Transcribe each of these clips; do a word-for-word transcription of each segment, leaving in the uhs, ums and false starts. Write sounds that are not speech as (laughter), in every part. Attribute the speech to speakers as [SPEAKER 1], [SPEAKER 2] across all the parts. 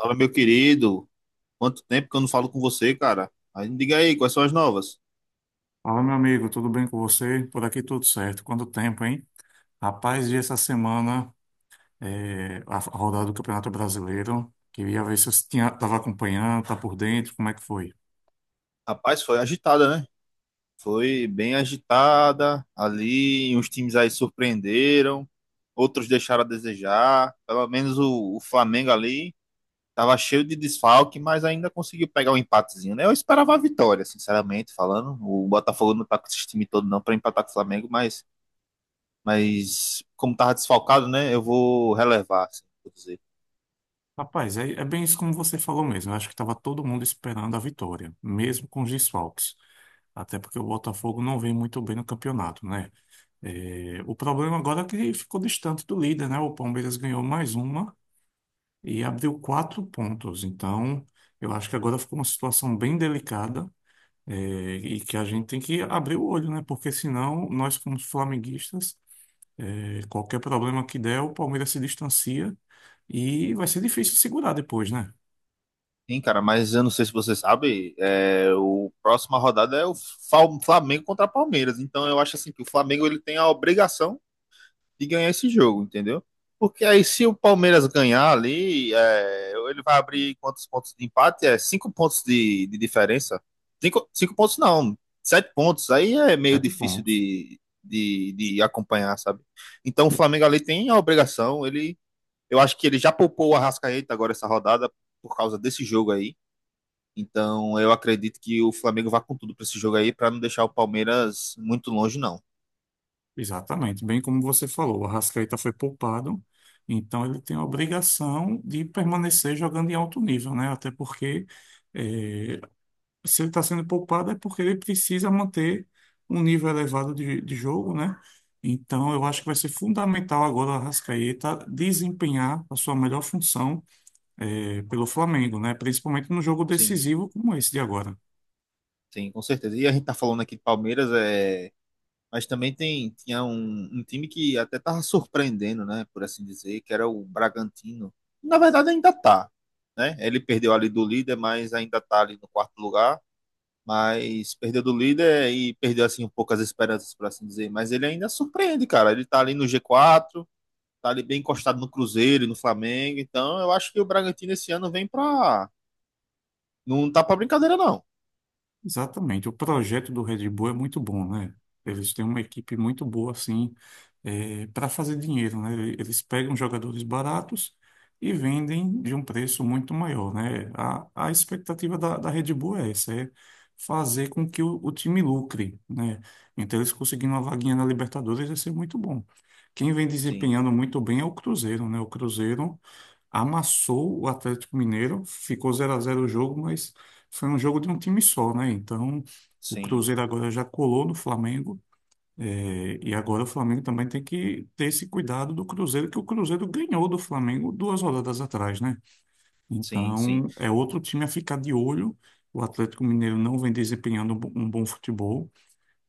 [SPEAKER 1] Fala, meu querido. Quanto tempo que eu não falo com você, cara? Aí me diga aí, quais são as novas?
[SPEAKER 2] Fala, meu amigo, tudo bem com você? Por aqui tudo certo. Quanto tempo, hein? Rapaz, vi essa semana eh, a a rodada do Campeonato Brasileiro. Queria ver se você tinha, estava acompanhando, tá por dentro, como é que foi?
[SPEAKER 1] Rapaz, foi agitada, né? Foi bem agitada. Ali, uns times aí surpreenderam, outros deixaram a desejar. Pelo menos o, o Flamengo ali tava cheio de desfalque, mas ainda conseguiu pegar um empatezinho, né? Eu esperava a vitória, sinceramente falando. O Botafogo não tá com esse time todo não para empatar com o Flamengo, mas, mas como tava desfalcado, né? Eu vou relevar, assim, vou dizer.
[SPEAKER 2] Rapaz, é, é bem isso como você falou mesmo. Eu acho que estava todo mundo esperando a vitória, mesmo com os desfalques. Até porque o Botafogo não vem muito bem no campeonato, né? Eh, o problema agora é que ficou distante do líder, né? O Palmeiras ganhou mais uma e abriu quatro pontos. Então, eu acho que agora ficou uma situação bem delicada, é, e que a gente tem que abrir o olho, né? Porque senão, nós, como flamenguistas, é, qualquer problema que der, o Palmeiras se distancia e vai ser difícil segurar depois, né?
[SPEAKER 1] Sim, cara, mas eu não sei se você sabe, é, o próxima rodada é o Fal- Flamengo contra Palmeiras. Então eu acho assim que o Flamengo ele tem a obrigação de ganhar esse jogo, entendeu? Porque aí se o Palmeiras ganhar ali, é, ele vai abrir quantos pontos de empate? É cinco pontos de, de diferença. Cinco, cinco pontos não, sete pontos. Aí é meio
[SPEAKER 2] Sete
[SPEAKER 1] difícil
[SPEAKER 2] pontos.
[SPEAKER 1] de, de, de acompanhar, sabe? Então o Flamengo ali tem a obrigação. Ele, eu acho que ele já poupou o Arrascaeta agora essa rodada por causa desse jogo aí. Então, eu acredito que o Flamengo vá com tudo para esse jogo aí, para não deixar o Palmeiras muito longe, não.
[SPEAKER 2] Exatamente. Bem como você falou, o Arrascaeta foi poupado, então ele tem a obrigação de permanecer jogando em alto nível, né? Até porque eh, se ele está sendo poupado é porque ele precisa manter um nível elevado de, de jogo, né? Então, eu acho que vai ser fundamental agora o Arrascaeta desempenhar a sua melhor função eh, pelo Flamengo, né? Principalmente no jogo
[SPEAKER 1] Sim,
[SPEAKER 2] decisivo como esse de agora.
[SPEAKER 1] sim, com certeza. E a gente tá falando aqui de Palmeiras, é... mas também tem, tinha um, um time que até tava surpreendendo, né, por assim dizer, que era o Bragantino. Na verdade, ainda tá, né? Ele perdeu ali do líder, mas ainda tá ali no quarto lugar. Mas perdeu do líder e perdeu, assim, um pouco as esperanças, por assim dizer. Mas ele ainda surpreende, cara. Ele tá ali no gê quatro, tá ali bem encostado no Cruzeiro e no Flamengo. Então, eu acho que o Bragantino esse ano vem pra. Não tá pra brincadeira, não.
[SPEAKER 2] Exatamente. O projeto do Red Bull é muito bom, né? Eles têm uma equipe muito boa, assim, para fazer dinheiro, né? Eles pegam jogadores baratos e vendem de um preço muito maior, né? A, a expectativa da, da Red Bull é essa, é fazer com que o, o time lucre, né? Então, eles conseguindo uma vaguinha na Libertadores vai ser muito bom. Quem vem
[SPEAKER 1] Sim,
[SPEAKER 2] desempenhando muito bem é o Cruzeiro, né? O Cruzeiro amassou o Atlético Mineiro, ficou zero a zero o jogo, mas foi um jogo de um time só, né? Então, o
[SPEAKER 1] sim,
[SPEAKER 2] Cruzeiro agora já colou no Flamengo, eh, e agora o Flamengo também tem que ter esse cuidado do Cruzeiro, que o Cruzeiro ganhou do Flamengo duas rodadas atrás, né?
[SPEAKER 1] sim, sim.
[SPEAKER 2] Então, é outro time a ficar de olho. O Atlético Mineiro não vem desempenhando um bo- um bom futebol.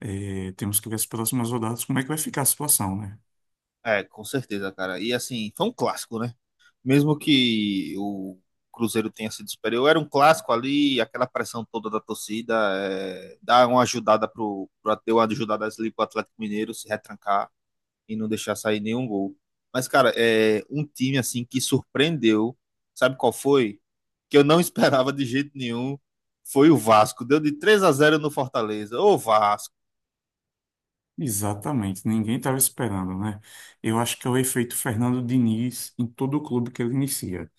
[SPEAKER 2] Eh, temos que ver as próximas rodadas, como é que vai ficar a situação, né?
[SPEAKER 1] É, com certeza, cara. E assim, foi um clássico, né? Mesmo que o Cruzeiro tenha sido superior, era um clássico ali, aquela pressão toda da torcida, é, dar uma ajudada pro, pro deu uma ajudada ali pro Atlético Mineiro se retrancar, e não deixar sair nenhum gol. Mas, cara, é um time assim que surpreendeu. Sabe qual foi? Que eu não (laughs) esperava de jeito nenhum. Foi o Vasco. Deu de três a zero no Fortaleza. Ô, Vasco.
[SPEAKER 2] Exatamente, ninguém estava esperando, né? Eu acho que é o efeito Fernando Diniz em todo o clube que ele inicia.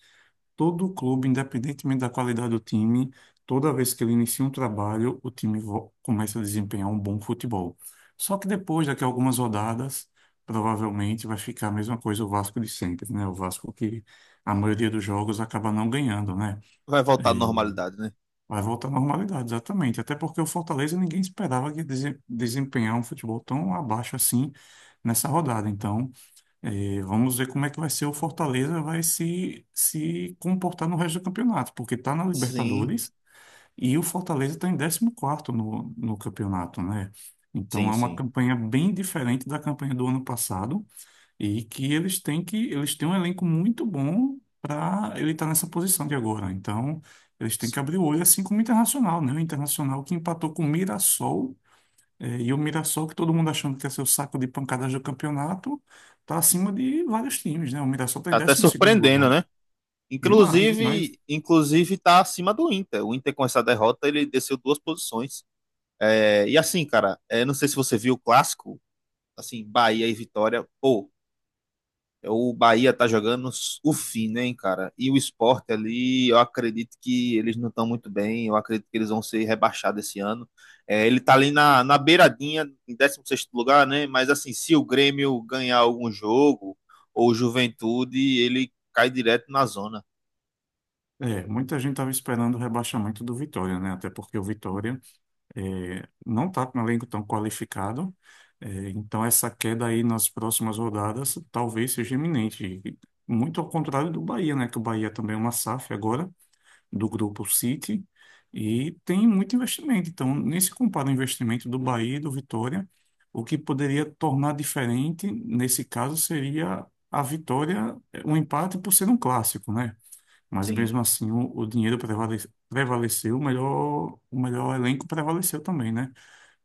[SPEAKER 2] Todo clube, independentemente da qualidade do time, toda vez que ele inicia um trabalho, o time vo- começa a desempenhar um bom futebol. Só que depois, daqui a algumas rodadas, provavelmente vai ficar a mesma coisa o Vasco de sempre, né? O Vasco que a maioria dos jogos acaba não ganhando, né?
[SPEAKER 1] Vai voltar à
[SPEAKER 2] E
[SPEAKER 1] normalidade, né?
[SPEAKER 2] vai voltar à normalidade, exatamente. Até porque o Fortaleza ninguém esperava que ia dese- desempenhar um futebol tão abaixo assim nessa rodada. Então, e vamos ver como é que vai ser. O Fortaleza vai se, se comportar no resto do campeonato, porque está na
[SPEAKER 1] Sim,
[SPEAKER 2] Libertadores e o Fortaleza está em décimo quarto no, no campeonato, né? Então
[SPEAKER 1] sim,
[SPEAKER 2] é uma
[SPEAKER 1] sim,
[SPEAKER 2] campanha bem diferente da campanha do ano passado e que eles têm que eles têm um elenco muito bom para ele estar nessa posição de agora. Então eles têm que
[SPEAKER 1] sim.
[SPEAKER 2] abrir o olho assim como o Internacional, né? O Internacional que empatou com o Mirassol, é, e o Mirassol, que todo mundo achando que ia ser o saco de pancadas do campeonato, está acima de vários times, né? O Mirassol está em
[SPEAKER 1] Tá até
[SPEAKER 2] décimo segundo
[SPEAKER 1] surpreendendo,
[SPEAKER 2] lugar.
[SPEAKER 1] né?
[SPEAKER 2] Demais, demais.
[SPEAKER 1] Inclusive, inclusive tá acima do Inter. O Inter com essa derrota, ele desceu duas posições. É, e assim, cara, é, não sei se você viu o clássico, assim, Bahia e Vitória. Pô, o Bahia tá jogando o fim, né, hein, cara? E o Sport ali, eu acredito que eles não estão muito bem, eu acredito que eles vão ser rebaixados esse ano. É, ele tá ali na, na beiradinha, em décimo sexto lugar, né? Mas assim, se o Grêmio ganhar algum jogo, ou Juventude, ele cai direto na zona.
[SPEAKER 2] É, muita gente estava esperando o rebaixamento do Vitória, né? Até porque o Vitória, é, não está com um elenco tão qualificado. É, então, essa queda aí nas próximas rodadas talvez seja iminente. E muito ao contrário do Bahia, né? Que o Bahia também é uma S A F agora do grupo City e tem muito investimento. Então, nem se compara o investimento do Bahia e do Vitória. O que poderia tornar diferente, nesse caso, seria a vitória, um empate por ser um clássico, né? Mas
[SPEAKER 1] Sim,
[SPEAKER 2] mesmo assim, o, o dinheiro prevale- prevaleceu, o melhor, o melhor elenco prevaleceu também, né?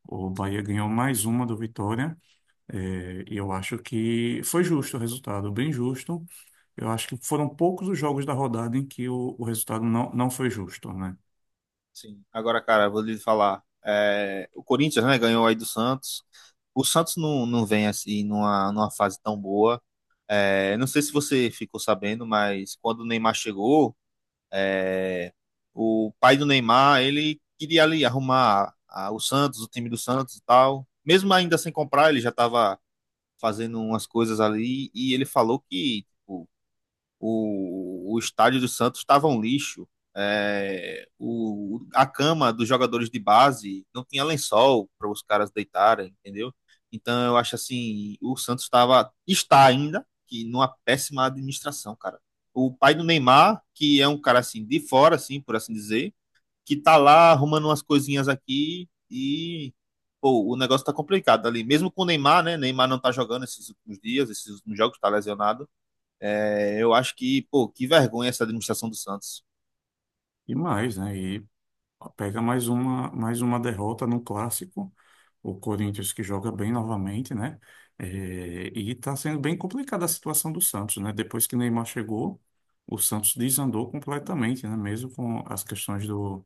[SPEAKER 2] O
[SPEAKER 1] sim,
[SPEAKER 2] Bahia ganhou mais uma do Vitória, é, e eu acho que foi justo o resultado, bem justo. Eu acho que foram poucos os jogos da rodada em que o, o resultado não, não foi justo, né?
[SPEAKER 1] sim. Agora, cara, vou lhe falar, é, o Corinthians, né, ganhou aí do Santos. O Santos não, não vem assim numa, numa fase tão boa. É, não sei se você ficou sabendo, mas quando o Neymar chegou, é, o pai do Neymar, ele queria ali arrumar a- o Santos, o time do Santos e tal. Mesmo ainda sem comprar, ele já estava fazendo umas coisas ali e ele falou que tipo, o, o estádio do Santos estava um lixo. É, o, a cama dos jogadores de base não tinha lençol para os caras deitarem, entendeu? Então eu acho assim, o Santos estava está ainda que numa péssima administração, cara. O pai do Neymar, que é um cara assim de fora assim, por assim dizer, que tá lá arrumando umas coisinhas aqui e pô, o negócio tá complicado ali, mesmo com o Neymar, né? Neymar não tá jogando esses últimos dias, esses últimos jogos tá lesionado. É, eu acho que, pô, que vergonha essa administração do Santos.
[SPEAKER 2] E mais, né? E pega mais uma, mais uma derrota no clássico. O Corinthians que joga bem novamente, né? É, e está sendo bem complicada a situação do Santos, né? Depois que Neymar chegou, o Santos desandou completamente, né? Mesmo com as questões do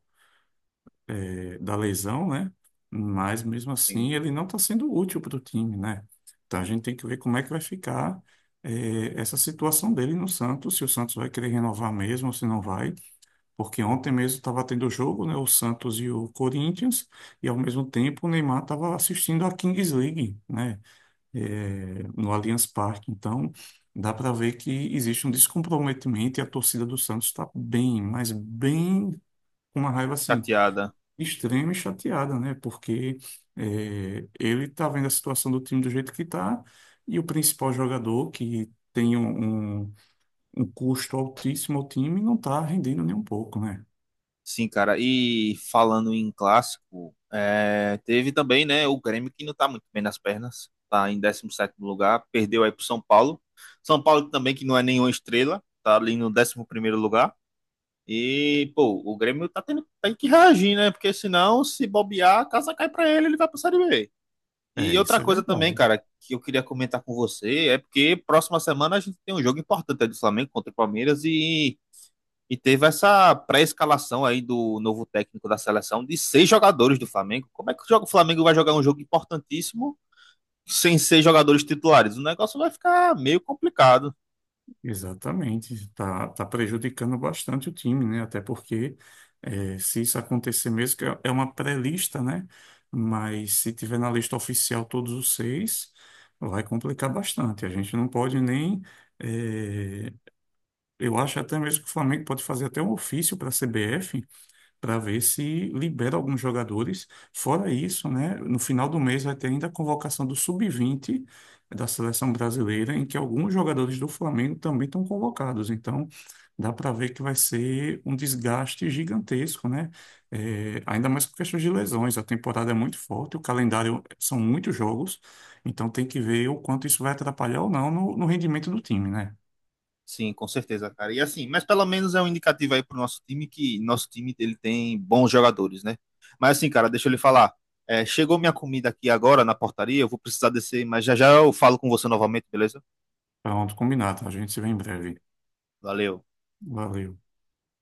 [SPEAKER 2] da lesão, né? Mas mesmo
[SPEAKER 1] Sim,
[SPEAKER 2] assim ele não está sendo útil para o time, né? Então a gente tem que ver como é que vai ficar eh, essa situação dele no Santos, se o Santos vai querer renovar mesmo ou se não vai. Porque ontem mesmo estava tendo jogo, né? O Santos e o Corinthians, e ao mesmo tempo o Neymar estava assistindo a Kings League, né? eh, no Allianz Parque. Então, dá para ver que existe um descomprometimento e a torcida do Santos está bem, mas bem com uma raiva assim
[SPEAKER 1] chateada.
[SPEAKER 2] extrema e chateada, né? Porque é, ele tá vendo a situação do time do jeito que tá e o principal jogador que tem um, um, um custo altíssimo ao time não tá rendendo nem um pouco, né?
[SPEAKER 1] Sim, cara. E falando em clássico, é, teve também, né, o Grêmio que não tá muito bem nas pernas. Tá em décimo sétimo lugar, perdeu aí pro São Paulo. São Paulo também que não é nenhuma estrela, tá ali no décimo primeiro lugar. E, pô, o Grêmio tá tendo, tem que reagir, né? Porque senão, se bobear, a casa cai pra ele, ele vai pra Série B.
[SPEAKER 2] É,
[SPEAKER 1] E outra
[SPEAKER 2] isso é
[SPEAKER 1] coisa também,
[SPEAKER 2] verdade.
[SPEAKER 1] cara, que eu queria comentar com você é porque próxima semana a gente tem um jogo importante é do Flamengo contra o Palmeiras e, e teve essa pré-escalação aí do novo técnico da seleção de seis jogadores do Flamengo. Como é que o jogo- o Flamengo vai jogar um jogo importantíssimo sem seis jogadores titulares? O negócio vai ficar meio complicado.
[SPEAKER 2] Exatamente. Tá, tá prejudicando bastante o time, né? Até porque é, se isso acontecer mesmo, que é é uma pré-lista, né? Mas se tiver na lista oficial todos os seis, vai complicar bastante. A gente não pode nem. eh, Eu acho até mesmo que o Flamengo pode fazer até um ofício para a C B F para ver se libera alguns jogadores. Fora isso, né, no final do mês vai ter ainda a convocação do sub vinte da seleção brasileira, em que alguns jogadores do Flamengo também estão convocados. Então, dá para ver que vai ser um desgaste gigantesco, né? É, ainda mais por questões de lesões. A temporada é muito forte, o calendário são muitos jogos, então tem que ver o quanto isso vai atrapalhar ou não no, no rendimento do time, né?
[SPEAKER 1] Sim, com certeza, cara. E assim, mas pelo menos é um indicativo aí pro nosso time que nosso time ele tem bons jogadores, né? Mas assim, cara, deixa eu lhe falar. É, chegou minha comida aqui agora na portaria, eu vou precisar descer, mas já já eu falo com você novamente, beleza?
[SPEAKER 2] Pronto, combinado. A gente se vê em breve.
[SPEAKER 1] Valeu.
[SPEAKER 2] Valeu.